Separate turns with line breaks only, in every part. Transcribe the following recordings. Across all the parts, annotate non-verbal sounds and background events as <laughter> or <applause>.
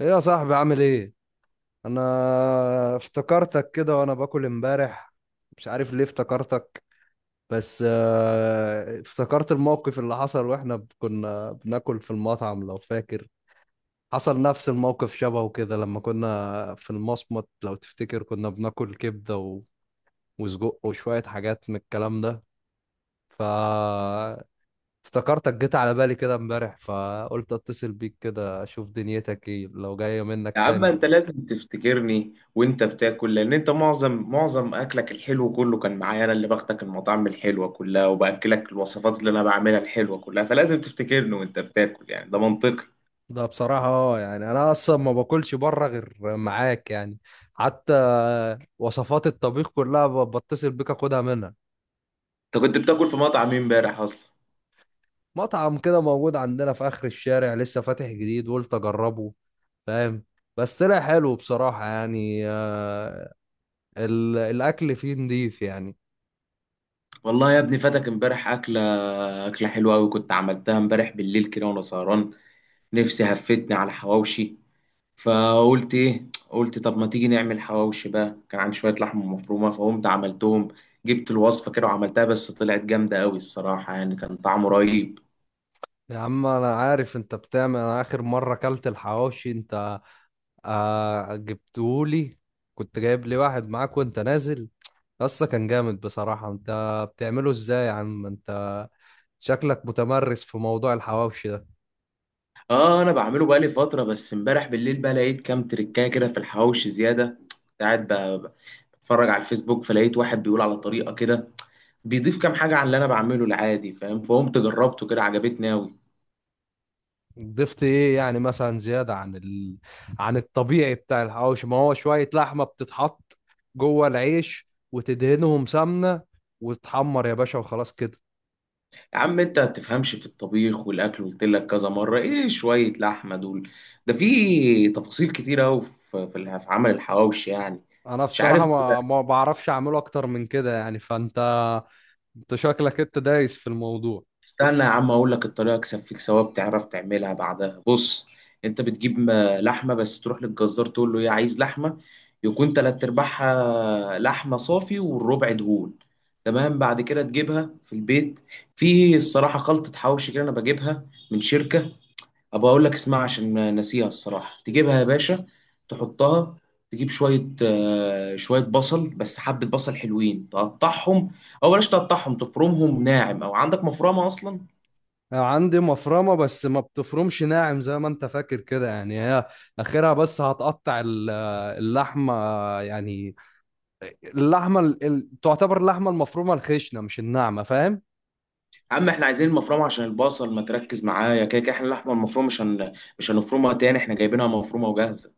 ايه يا صاحبي؟ عامل ايه؟ انا افتكرتك كده وانا باكل امبارح. مش عارف ليه افتكرتك. بس افتكرت الموقف اللي حصل واحنا كنا بناكل في المطعم، لو فاكر. حصل نفس الموقف شبهه كده لما كنا في المصمت، لو تفتكر كنا بناكل كبدة وسجق وشوية حاجات من الكلام ده. ف افتكرتك، جيت على بالي كده امبارح فقلت اتصل بيك كده اشوف دنيتك ايه لو جاية منك
يا عم
تاني.
انت لازم تفتكرني وانت بتاكل، لان انت معظم اكلك الحلو كله كان معايا، انا اللي باخدك المطاعم الحلوه كلها وباكلك الوصفات اللي انا بعملها الحلوه كلها، فلازم تفتكرني وانت بتاكل، يعني ده منطقي.
ده بصراحة يعني أنا أصلا ما باكلش بره غير معاك يعني. حتى وصفات الطبيخ كلها بتصل بيك أخدها منها.
انت كنت بتاكل في مطعم مين امبارح اصلا؟
مطعم كده موجود عندنا في آخر الشارع لسه فاتح جديد، قلت أجربه. فاهم؟ بس طلع حلو بصراحة يعني. الأكل فيه نضيف يعني.
والله يا ابني فاتك امبارح اكله، اكله حلوه قوي كنت عملتها امبارح بالليل كده وانا سهران. نفسي هفتني على حواوشي، فقلت ايه، قلت طب ما تيجي نعمل حواوشي بقى، كان عندي شويه لحمه مفرومه فقمت عملتهم. جبت الوصفه كده وعملتها بس طلعت جامده قوي الصراحه يعني، كان طعمه رهيب.
يا عم أنا عارف أنت بتعمل، أنا آخر مرة أكلت الحواوشي أنت. آه، جبتولي. كنت جايب لي واحد معاك وانت نازل. قصة كان جامد بصراحة انت. بتعمله ازاي يا عم انت؟ شكلك متمرس في موضوع الحواوشي ده.
اه، انا بعمله بقالي فتره، بس امبارح بالليل بقى لقيت كام تريكايه كده في الحواوشي زياده. كنت قاعد بتفرج على الفيسبوك، فلقيت واحد بيقول على طريقه كده بيضيف كام حاجه عن اللي انا بعمله العادي، فاهم؟ فقمت جربته كده عجبتني قوي.
ضفت ايه يعني مثلا زيادة عن عن الطبيعي بتاع الحواوشي؟ ما هو شوية لحمة بتتحط جوه العيش وتدهنهم سمنة، وتحمر يا باشا وخلاص كده.
يا عم انت ما بتفهمش في الطبيخ والاكل، قلت لك كذا مره ايه شويه لحمه دول، ده في تفاصيل كتير قوي في عمل الحواوشي يعني.
انا
مش
بصراحة
عارف.
ما بعرفش اعمله اكتر من كده يعني فانت. انت شكلك انت دايس في الموضوع.
استنى يا عم اقول لك الطريقه اكسب فيك ثواب تعرف تعملها بعدها. بص، انت بتجيب لحمه، بس تروح للجزار تقول له ايه عايز لحمه يكون تلات ارباعها لحمه صافي والربع دهون، تمام؟ بعد كده تجيبها في البيت. في الصراحه خلطه حواوشي كده انا بجيبها من شركه، ابقى اقول لك اسمها عشان ما ناسيها الصراحه، تجيبها يا باشا تحطها. تجيب شويه بصل، بس حبه بصل حلوين تقطعهم، او بلاش تقطعهم تفرمهم ناعم، او عندك مفرمه اصلا.
عندي مفرمة بس ما بتفرمش ناعم زي ما انت فاكر كده يعني، هي اخرها بس هتقطع اللحمة يعني. اللحمة تعتبر اللحمة المفرومة الخشنة مش الناعمة، فاهم؟
يا عم احنا عايزين المفرمه عشان البصل، ما تركز معايا، كده كده احنا اللحمه المفرومه مش هنفرمها تاني، احنا جايبينها مفرومه وجاهزه.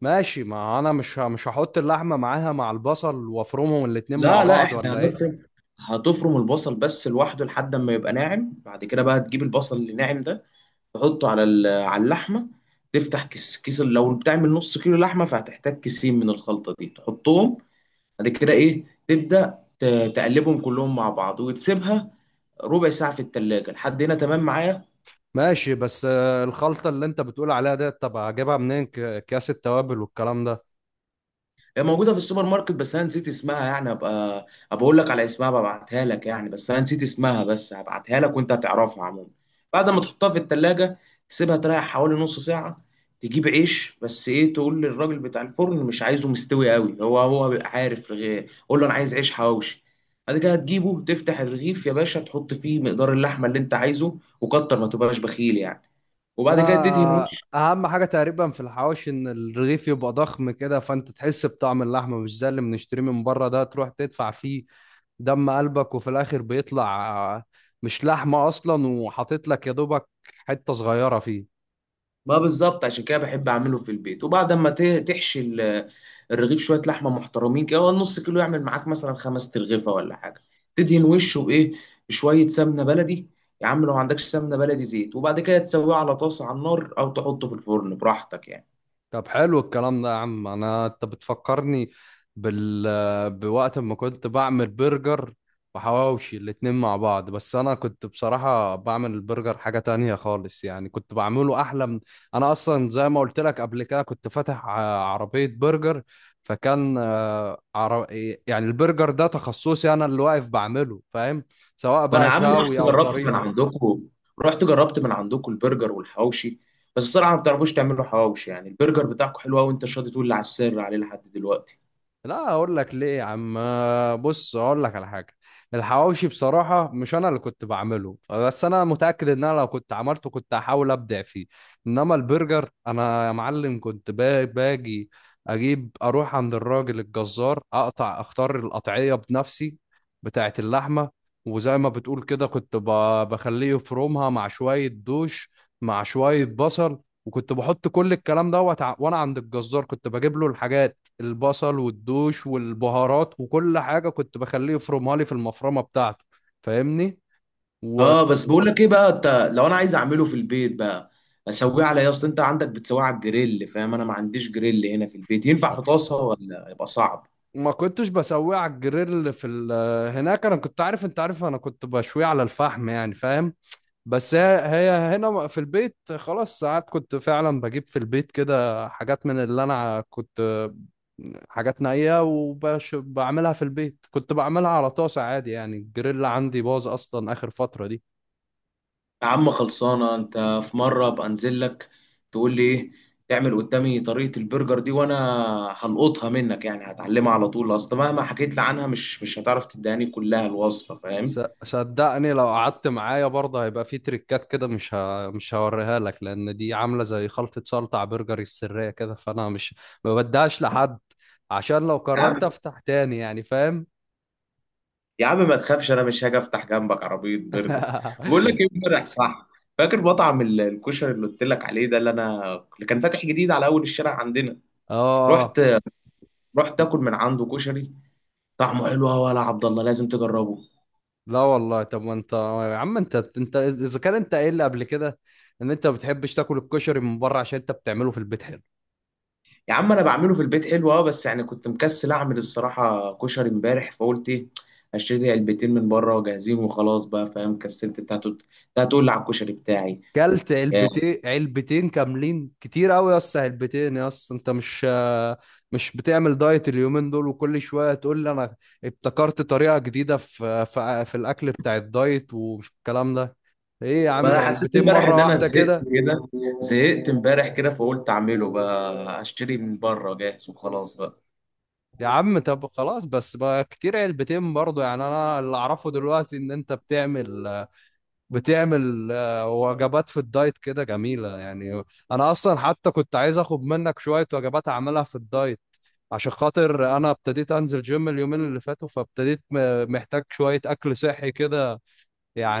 ماشي، ما انا مش هحط اللحمة معاها مع البصل وافرمهم الاتنين مع
لا لا،
بعض
احنا
ولا ايه؟
هتفرم البصل بس لوحده لحد ما يبقى ناعم، بعد كده بقى تجيب البصل اللي ناعم ده تحطه على اللحمه. تفتح كيس كيس، لو بتعمل نص كيلو لحمه فهتحتاج كيسين من الخلطه دي تحطهم. بعد كده ايه، تقلبهم كلهم مع بعض وتسيبها ربع ساعه في التلاجة، لحد هنا تمام معايا؟
ماشي بس الخلطة اللي انت بتقول عليها ديت، طب اجيبها منين؟ اكياس التوابل والكلام ده.
هي موجودة في السوبر ماركت، بس أنا نسيت اسمها يعني، أبقى أقول لك على اسمها ببعتها لك يعني، بس أنا نسيت اسمها، بس هبعتها لك وأنت هتعرفها عموما. بعد ما تحطها في التلاجة تسيبها تريح حوالي نص ساعة. تجيب عيش، بس إيه تقول للراجل بتاع الفرن مش عايزه مستوي قوي، هو هو بيبقى عارف، قول له أنا عايز عيش حواوشي. بعد كده هتجيبه تفتح الرغيف يا باشا، تحط فيه مقدار اللحمة اللي أنت عايزه، وكتر ما تبقاش بخيل يعني.
ده
وبعد كده تدهن وش.
اهم حاجه تقريبا في الحواوشي، ان الرغيف يبقى ضخم كده فانت تحس بطعم اللحمه، مش زي اللي بنشتريه من بره ده، تروح تدفع فيه دم قلبك وفي الاخر بيطلع مش لحمه اصلا، وحاطط لك يا دوبك حته صغيره فيه.
ما بالظبط، عشان كده بحب اعمله في البيت. وبعد ما تحشي الرغيف شويه لحمه محترمين كده، هو نص كيلو يعمل معاك مثلا خمس ترغيفه ولا حاجه. تدهن وشه بايه؟ بشويه سمنه بلدي. يا عم لو ما عندكش سمنه بلدي زيت، وبعد كده تسويه على طاسه على النار، او تحطه في الفرن براحتك يعني.
طب حلو الكلام ده يا عم، انا انت بتفكرني بوقت ما كنت بعمل برجر وحواوشي الاتنين مع بعض، بس انا كنت بصراحة بعمل البرجر حاجة تانية خالص يعني كنت بعمله احلى انا اصلا زي ما قلت لك قبل كده كنت فاتح عربية برجر. فكان يعني البرجر ده تخصصي، انا اللي واقف بعمله، فاهم؟ سواء
ما انا
بقى
يا عم
شاوي
رحت
او
جربت من
طريقة.
عندكم رحت جربت من عندكم البرجر والحواوشي، بس الصراحه ما بتعرفوش تعملوا حواوشي يعني. البرجر بتاعكم حلو قوي، وانت شاطر تقول لي على السر عليه لحد دلوقتي.
لا، اقول لك ليه يا عم. بص، اقول لك على حاجه. الحواوشي بصراحه مش انا اللي كنت بعمله، بس انا متاكد ان انا لو كنت عملته كنت هحاول ابدع فيه. انما البرجر انا يا معلم كنت باجي اجيب اروح عند الراجل الجزار، اقطع اختار القطعيه بنفسي بتاعه اللحمه. وزي ما بتقول كده كنت بخليه يفرمها مع شويه دوش مع شويه بصل، وكنت بحط كل الكلام دوت وانا عند الجزار كنت بجيب له الحاجات، البصل والدوش والبهارات وكل حاجة كنت بخليه يفرمها لي في المفرمة بتاعته. فاهمني؟ وما
اه بس بقول لك ايه بقى انت، لو انا عايز اعمله في البيت بقى اسويه على ايه؟ اصل انت عندك بتسويه على الجريل، فاهم؟ انا ما عنديش جريل هنا في البيت، ينفع في طاسه ولا يبقى صعب؟
كنتش بسويه على الجريل في هناك، انا كنت عارف انت عارف انا كنت بشويه على الفحم يعني، فاهم؟ بس هي هي هنا في البيت، خلاص ساعات كنت فعلا بجيب في البيت كده حاجات من اللي انا كنت حاجات نائية وبعملها في البيت كنت بعملها على طاسة عادي يعني، الجريل عندي باظ اصلا اخر فترة دي.
يا عم خلصانه، انت في مره ابقى انزل لك تقول لي ايه تعمل قدامي طريقه البرجر دي، وانا هلقطها منك يعني، هتعلمها على طول، اصل مهما حكيت لي عنها مش هتعرف تداني كلها الوصفه فاهم.
صدقني لو قعدت معايا برضه هيبقى في تريكات كده مش هوريها لك، لان دي عامله زي خلطه سلطه على برجري السريه كده، فانا مش ما بديهاش لحد. عشان لو قررت افتح تاني يعني، فاهم؟
يا عم ما تخافش انا مش هاجي افتح جنبك عربيه برجر. بقول لك
<laughs> اه.
ايه امبارح، صح؟ فاكر مطعم الكشري اللي قلت لك عليه ده، اللي انا اللي كان فاتح جديد على اول الشارع عندنا.
آه.
رحت رحت اكل من عنده كشري، طعمه حلو قوي يا عبد الله، لازم تجربه.
لا والله، طب ما انت يا عم، انت اذا كان انت قايل لي قبل كده ان انت ما بتحبش تاكل الكشري من بره عشان انت بتعمله في البيت.
يا عم انا بعمله في البيت حلو اه، بس يعني كنت مكسل اعمل الصراحه كشري امبارح، فقلت ايه اشتري علبتين من بره وجاهزين وخلاص بقى، فاهم؟ كسلت. انت هتقول إنت هتقول لي على الكشري بتاعي.
كلت علبتين علبتين كاملين كتير قوي يا اسطى، علبتين يا اسطى، انت مش مش بتعمل دايت اليومين دول؟ وكل شويه تقول لي انا ابتكرت طريقه جديده في الاكل بتاع الدايت ومش الكلام ده. ايه يا
ما
عم؟
انا حسيت
علبتين
امبارح ان
مره
انا
واحده
زهقت
كده؟
كده، زهقت امبارح كده فقلت اعمله بقى هشتري من بره جاهز وخلاص بقى.
يا عم طب خلاص، بس بقى كتير علبتين برضه يعني، انا اللي اعرفه دلوقتي ان انت بتعمل بتعمل وجبات في الدايت كده جميله يعني. انا اصلا حتى كنت عايز اخد منك شويه وجبات اعملها في الدايت عشان خاطر انا ابتديت انزل جيم اليومين اللي فاتوا، فابتديت محتاج شوية اكل صحي كده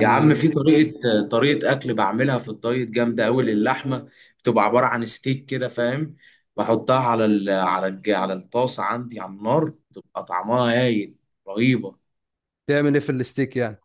يا عم في طريقة اكل بعملها في الدايت جامدة قوي للحمة، بتبقى عبارة عن ستيك كده، فاهم؟ بحطها على الطاسة عندي على النار، بتبقى طعمها هايل، رهيبة.
تعمل ايه في الستيك يعني؟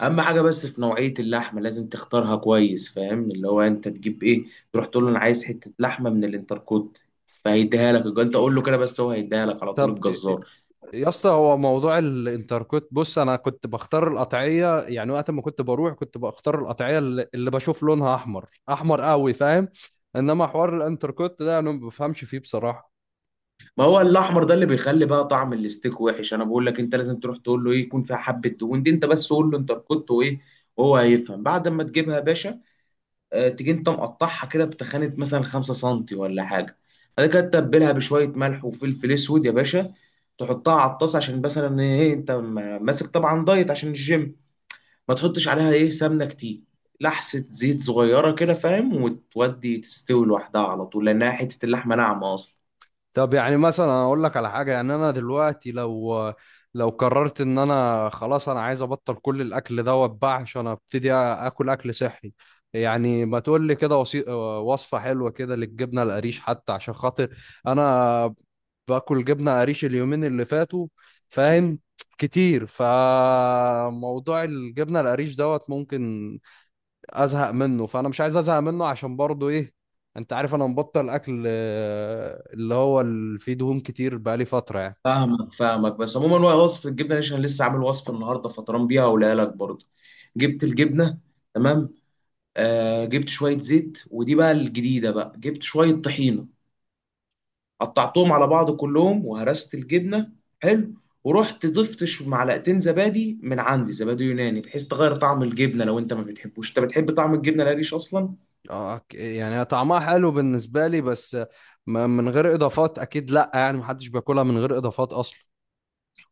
اهم حاجة بس في نوعية اللحمة لازم تختارها كويس، فاهم؟ اللي هو انت تجيب ايه، تروح تقول له انا عايز حتة لحمة من الانتركوت، فهيديها لك، انت قول له كده بس هو هيديها لك على طول
طب
الجزار.
يا اسطى هو موضوع الانتركوت، بص انا كنت بختار القطعية يعني، وقت ما كنت بروح كنت بختار القطعية اللي بشوف لونها احمر احمر قوي، فاهم؟ انما حوار الانتركوت ده انا ما بفهمش فيه بصراحة.
ما هو الاحمر ده اللي بيخلي بقى طعم الستيك وحش، انا بقول لك انت لازم تروح تقول له ايه يكون فيها حبه دهون دي، انت بس قول له انت كنت وايه وهو هيفهم. بعد ما تجيبها يا باشا تيجي انت مقطعها كده بتخانه مثلا 5 سنتي ولا حاجه. بعد كده تتبلها بشويه ملح وفلفل اسود يا باشا، تحطها على الطاسه، عشان مثلا ايه انت ماسك طبعا دايت عشان الجيم، ما تحطش عليها ايه سمنه كتير، لحسه زيت صغيره كده فاهم، وتودي تستوي لوحدها على طول لانها حته اللحمه ناعمه اصلا.
طب يعني مثلا انا اقول لك على حاجه يعني، انا دلوقتي لو قررت ان انا خلاص انا عايز ابطل كل الاكل ده واتباع عشان ابتدي اكل اكل صحي يعني، ما تقول لي كده وصفه حلوه كده للجبنه القريش، حتى عشان خاطر انا باكل جبنه قريش اليومين اللي فاتوا. فاهم؟ كتير، فموضوع الجبنه القريش دوت ممكن ازهق منه، فانا مش عايز ازهق منه عشان برضه ايه؟ انت عارف انا مبطل اكل اللي هو اللي فيه دهون كتير بقالي فترة يعني.
فاهمك بس عموما، هو وصفة الجبنة دي عشان لسه عامل وصفة النهاردة فطران بيها ولاقيها لك برضه. جبت الجبنة، تمام. آه جبت شوية زيت، ودي بقى الجديدة بقى، جبت شوية طحينة، قطعتهم على بعض كلهم وهرست الجبنة، حلو. ورحت ضفت معلقتين زبادي من عندي، زبادي يوناني، بحيث تغير طعم الجبنة لو انت ما بتحبوش، انت بتحب طعم الجبنة القريش اصلا؟
اه، يعني هي طعمها حلو بالنسبة لي بس من غير اضافات اكيد، لا يعني محدش بياكلها من غير اضافات اصلا.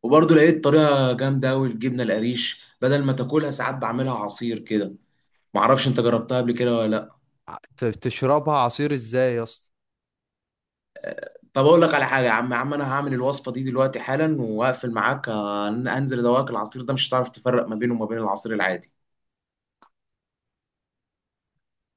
وبرضه لقيت طريقة جامدة قوي الجبنة القريش بدل ما تاكلها ساعات بعملها عصير كده، معرفش انت جربتها قبل كده ولا لا.
تشربها عصير ازاي يا اسطى؟
طب اقول لك على حاجه يا عم، يا عم انا هعمل الوصفه دي دلوقتي حالا وهقفل معاك، هنزل ادوقك العصير ده مش هتعرف تفرق ما بينه وما بين العصير العادي.